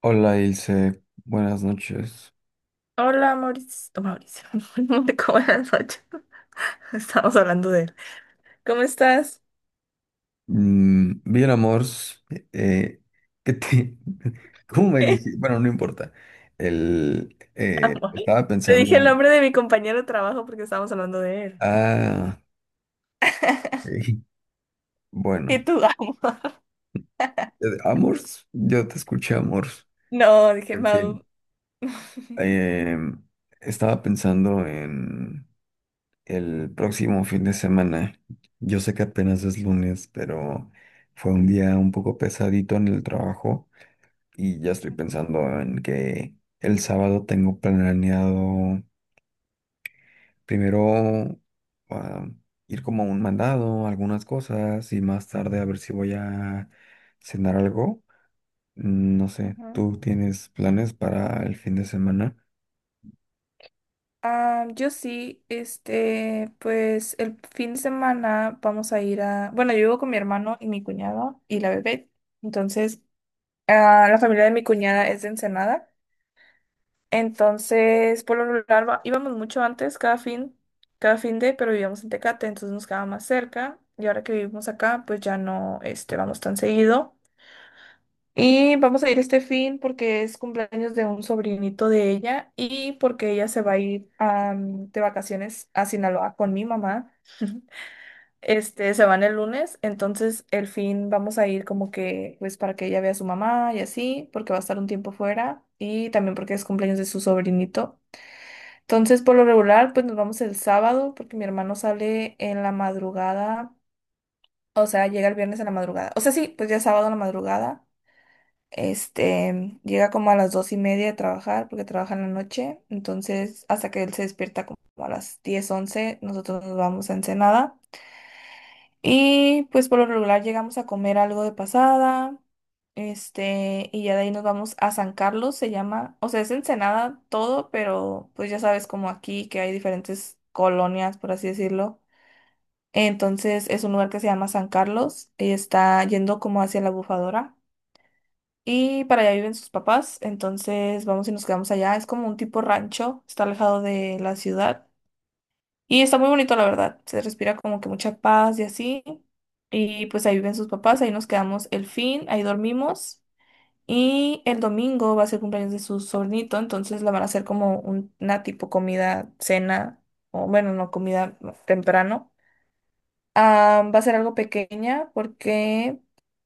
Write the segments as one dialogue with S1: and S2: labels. S1: Hola Ilse, buenas noches.
S2: Hola Mauricio. No, Mauricio, no te buenas noches. Estamos hablando de él. ¿Cómo estás?
S1: Bien, amors. Eh, ¿Qué te... ¿Cómo me dije? Bueno, no importa. El, eh,
S2: Amor.
S1: estaba
S2: Te dije el
S1: pensando.
S2: nombre de mi compañero de trabajo porque estábamos hablando de él.
S1: Ah, eh,
S2: Y
S1: bueno.
S2: tú, amor.
S1: Amors, yo te escuché, amors.
S2: No, dije
S1: En
S2: Mau.
S1: fin. Eh, Estaba pensando en el próximo fin de semana. Yo sé que apenas es lunes, pero fue un día un poco pesadito en el trabajo. Y ya estoy pensando en que el sábado tengo planeado primero ah, ir como a un mandado, algunas cosas, y más tarde a ver si voy a cenar algo. No sé,
S2: Ajá.
S1: ¿tú tienes planes para el fin de semana?
S2: Ah, yo sí, pues el fin de semana vamos a ir a, bueno, yo vivo con mi hermano y mi cuñado y la bebé. Entonces, la familia de mi cuñada es de Ensenada. Entonces, por lo regular íbamos mucho antes, cada fin de, pero vivíamos en Tecate, entonces nos quedaba más cerca. Y ahora que vivimos acá, pues ya no, vamos tan seguido. Y vamos a ir este fin porque es cumpleaños de un sobrinito de ella y porque ella se va a ir de vacaciones a Sinaloa con mi mamá. Se van el lunes, entonces el fin vamos a ir como que, pues para que ella vea a su mamá y así, porque va a estar un tiempo fuera y también porque es cumpleaños de su sobrinito. Entonces, por lo regular, pues nos vamos el sábado porque mi hermano sale en la madrugada, o sea, llega el viernes en la madrugada. O sea, sí, pues ya es sábado en la madrugada. Llega como a las dos y media de trabajar porque trabaja en la noche. Entonces, hasta que él se despierta como a las 10 11 nosotros nos vamos a Ensenada. Y pues por lo regular llegamos a comer algo de pasada, y ya de ahí nos vamos a San Carlos, se llama, o sea, es Ensenada todo, pero pues ya sabes como aquí que hay diferentes colonias, por así decirlo. Entonces es un lugar que se llama San Carlos y está yendo como hacia la Bufadora. Y para allá viven sus papás, entonces vamos y nos quedamos allá. Es como un tipo rancho, está alejado de la ciudad. Y está muy bonito, la verdad. Se respira como que mucha paz y así. Y pues ahí viven sus papás, ahí nos quedamos el fin, ahí dormimos. Y el domingo va a ser cumpleaños de su sobrinito, entonces la van a hacer como una tipo comida, cena, o bueno, no comida temprano. Ah, va a ser algo pequeña porque,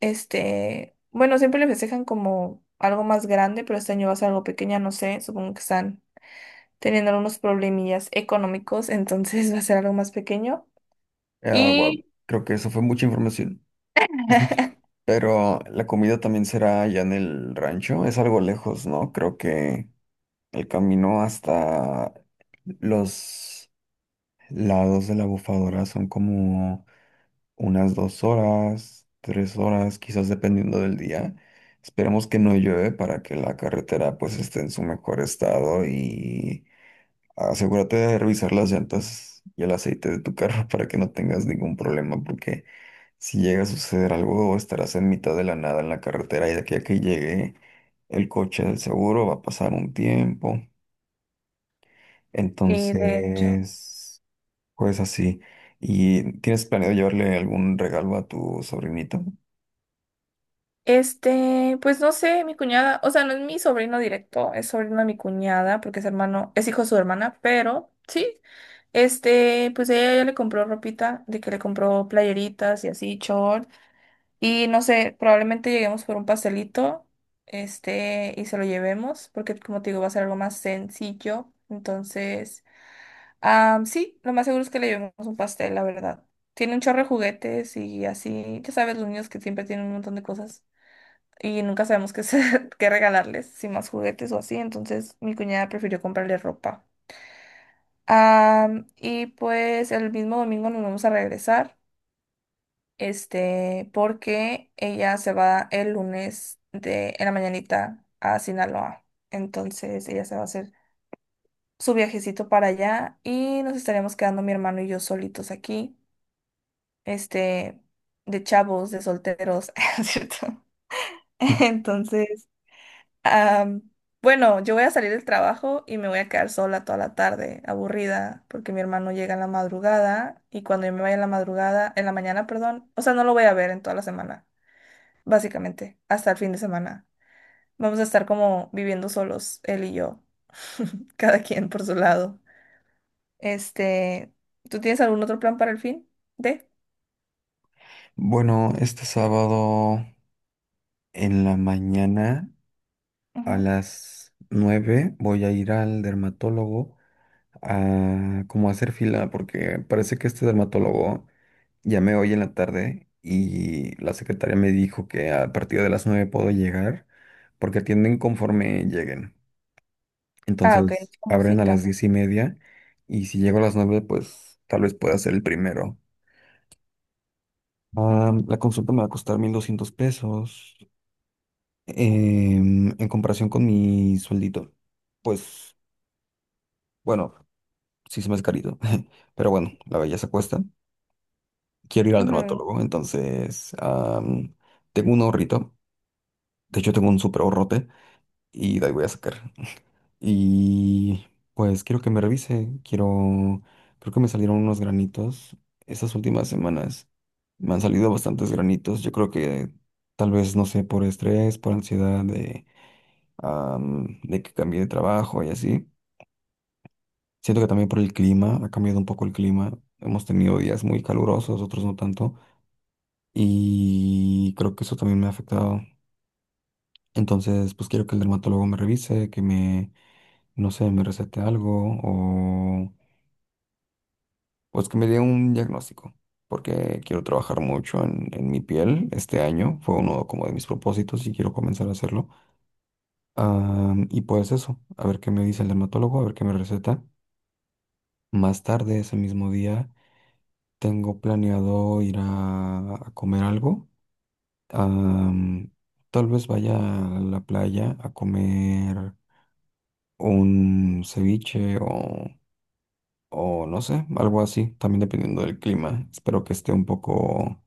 S2: bueno, siempre le festejan como algo más grande, pero este año va a ser algo pequeña, no sé, supongo que están teniendo algunos problemillas económicos, entonces va a ser algo más pequeño.
S1: Guau,
S2: Y
S1: creo que eso fue mucha información. Pero la comida también será allá en el rancho, es algo lejos, ¿no? Creo que el camino hasta los lados de la bufadora son como unas 2 horas, 3 horas, quizás dependiendo del día. Esperemos que no llueve para que la carretera pues esté en su mejor estado y asegúrate de revisar las llantas y el aceite de tu carro para que no tengas ningún problema porque si llega a suceder algo estarás en mitad de la nada en la carretera y de aquí a que llegue el coche del seguro va a pasar un tiempo.
S2: sí, de hecho.
S1: Entonces. Pues así. ¿Y tienes planeado llevarle algún regalo a tu sobrinito?
S2: Pues no sé, mi cuñada, o sea, no es mi sobrino directo, es sobrino de mi cuñada, porque es hermano, es hijo de su hermana, pero sí, pues ella ya le compró ropita, de que le compró playeritas y así, short, y no sé, probablemente lleguemos por un pastelito, y se lo llevemos, porque como te digo, va a ser algo más sencillo, entonces... Ah, sí, lo más seguro es que le llevemos un pastel, la verdad. Tiene un chorro de juguetes y así, ya sabes, los niños que siempre tienen un montón de cosas y nunca sabemos qué, qué regalarles, si más juguetes o así, entonces mi cuñada prefirió comprarle ropa. Ah, y pues el mismo domingo nos vamos a regresar, porque ella se va el lunes de, en la mañanita a Sinaloa, entonces ella se va a hacer su viajecito para allá y nos estaremos quedando mi hermano y yo solitos aquí. este, de chavos, de solteros, ¿no es cierto? Entonces, am, bueno, yo voy a salir del trabajo y me voy a quedar sola toda la tarde, aburrida, porque mi hermano llega en la madrugada y cuando yo me vaya en la madrugada, en la mañana, perdón, o sea, no lo voy a ver en toda la semana, básicamente, hasta el fin de semana. Vamos a estar como viviendo solos, él y yo, cada quien por su lado. Este, ¿Tú tienes algún otro plan para el fin de?
S1: Bueno, este sábado en la mañana a
S2: Ujú.
S1: las 9 voy a ir al dermatólogo a hacer fila porque parece que este dermatólogo llamé hoy en la tarde y la secretaria me dijo que a partir de las 9 puedo llegar porque atienden conforme lleguen.
S2: Ah, ok, es
S1: Entonces
S2: como
S1: abren a
S2: cita.
S1: las 10:30 y si llego a las 9, pues tal vez pueda ser el primero. Ah, la consulta me va a costar 1,200 pesos en comparación con mi sueldito. Pues bueno, sí se me es carito, pero bueno, la belleza cuesta. Quiero ir al
S2: Ujú,
S1: dermatólogo, entonces tengo un ahorrito. De hecho, tengo un súper ahorrote y de ahí voy a sacar. Y pues quiero que me revise. Quiero. Creo que me salieron unos granitos. Estas últimas semanas me han salido bastantes granitos. Yo creo que tal vez, no sé, por estrés, por ansiedad de que cambié de trabajo y así. Siento que también por el clima, ha cambiado un poco el clima. Hemos tenido días muy calurosos, otros no tanto. Y creo que eso también me ha afectado. Entonces, pues quiero que el dermatólogo me revise, que me, no sé, me recete algo o pues que me dé un diagnóstico, porque quiero trabajar mucho en mi piel este año. Fue uno como de mis propósitos y quiero comenzar a hacerlo. Y pues eso, a ver qué me dice el dermatólogo, a ver qué me receta. Más tarde, ese mismo día, tengo planeado ir a comer algo. Ah, Tal vez vaya a la playa a comer un ceviche o no sé, algo así, también dependiendo del clima. Espero que esté un poco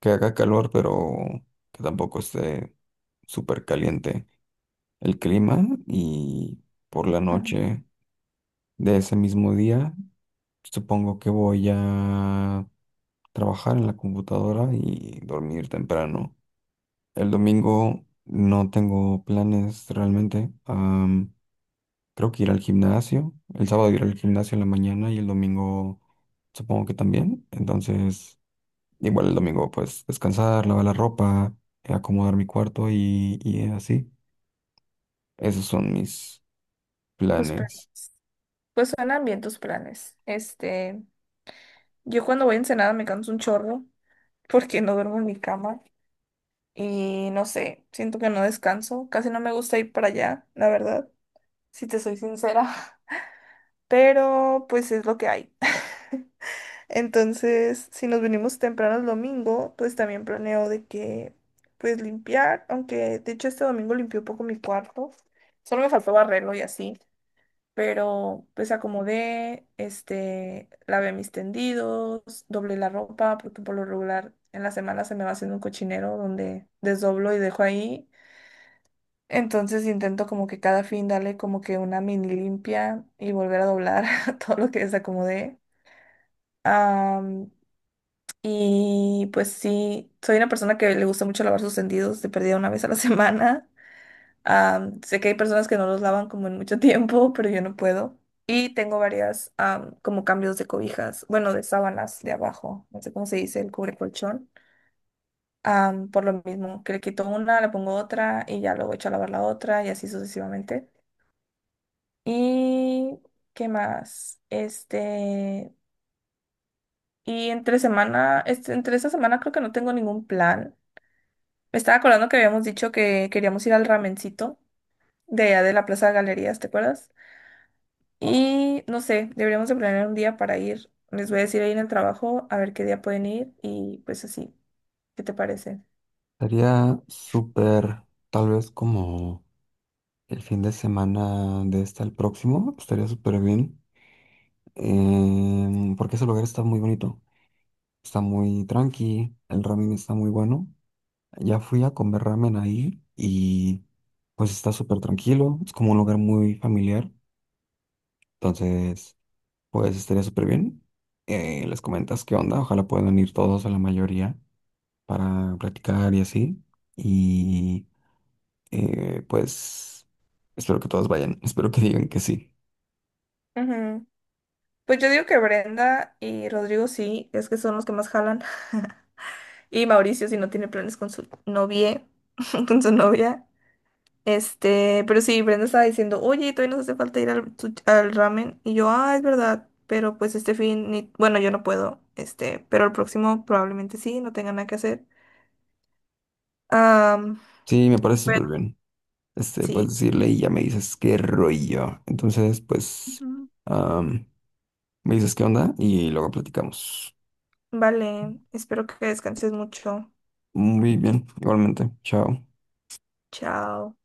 S1: que haga calor, pero que tampoco esté súper caliente el clima. Y por la
S2: ujú.
S1: noche de ese mismo día, supongo que voy a trabajar en la computadora y dormir temprano. El domingo no tengo planes realmente. Creo que ir al gimnasio. El sábado ir al gimnasio en la mañana y el domingo supongo que también. Entonces. Igual el domingo, pues descansar, lavar la ropa, acomodar mi cuarto y así. Esos son mis
S2: Tus
S1: planes.
S2: planes. Pues suenan bien tus planes. Yo cuando voy a Ensenada me canso un chorro porque no duermo en mi cama y no sé, siento que no descanso. Casi no me gusta ir para allá, la verdad, si te soy sincera. Pero pues es lo que hay. Entonces, si nos venimos temprano el domingo, pues también planeo de que, pues limpiar, aunque de hecho este domingo limpié un poco mi cuarto. Solo me faltó barrerlo y así. Pero pues acomodé, lavé mis tendidos, doblé la ropa, porque por lo regular en la semana se me va haciendo un cochinero donde desdoblo y dejo ahí. Entonces intento como que cada fin darle como que una mini limpia y volver a doblar todo lo que desacomodé. Am, y pues sí, soy una persona que le gusta mucho lavar sus tendidos, de perdida una vez a la semana. Sé que hay personas que no los lavan como en mucho tiempo, pero yo no puedo. Y tengo varias como cambios de cobijas, bueno, de sábanas de abajo, no sé cómo se dice, el cubre colchón. Por lo mismo, que le quito una, le pongo otra y ya luego echo a lavar la otra y así sucesivamente. ¿Y qué más? Y entre semana, entre esta semana creo que no tengo ningún plan. Me estaba acordando que habíamos dicho que queríamos ir al ramencito de allá de la Plaza de Galerías, ¿te acuerdas? Y no sé, deberíamos de planear un día para ir. Les voy a decir ahí en el trabajo a ver qué día pueden ir y pues así. ¿Qué te parece?
S1: Estaría súper, tal vez como el fin de semana de este al próximo, estaría súper bien. Porque ese lugar está muy bonito, está muy tranqui, el ramen está muy bueno. Ya fui a comer ramen ahí y pues está súper tranquilo, es como un lugar muy familiar. Entonces. Pues estaría súper bien. Les comentas qué onda. Ojalá puedan ir todos o la mayoría para platicar y así. Y pues espero que todos vayan. Espero que digan que sí.
S2: Ujú. Pues yo digo que Brenda y Rodrigo sí, es que son los que más jalan. Y Mauricio si no tiene planes con su novia, con su novia. Pero sí, Brenda estaba diciendo, oye, todavía nos hace falta ir al, al ramen. Y yo, ah, es verdad, pero pues este fin, bueno, yo no puedo, pero el próximo probablemente sí, no tenga nada que hacer. Am,
S1: Sí, me parece
S2: pues,
S1: súper bien. Puedes
S2: sí.
S1: decirle y ya me dices qué rollo. Entonces, pues
S2: Ujú.
S1: am, me dices qué onda y luego platicamos.
S2: Vale, espero que descanses mucho.
S1: Muy bien, igualmente. Chao.
S2: Chao.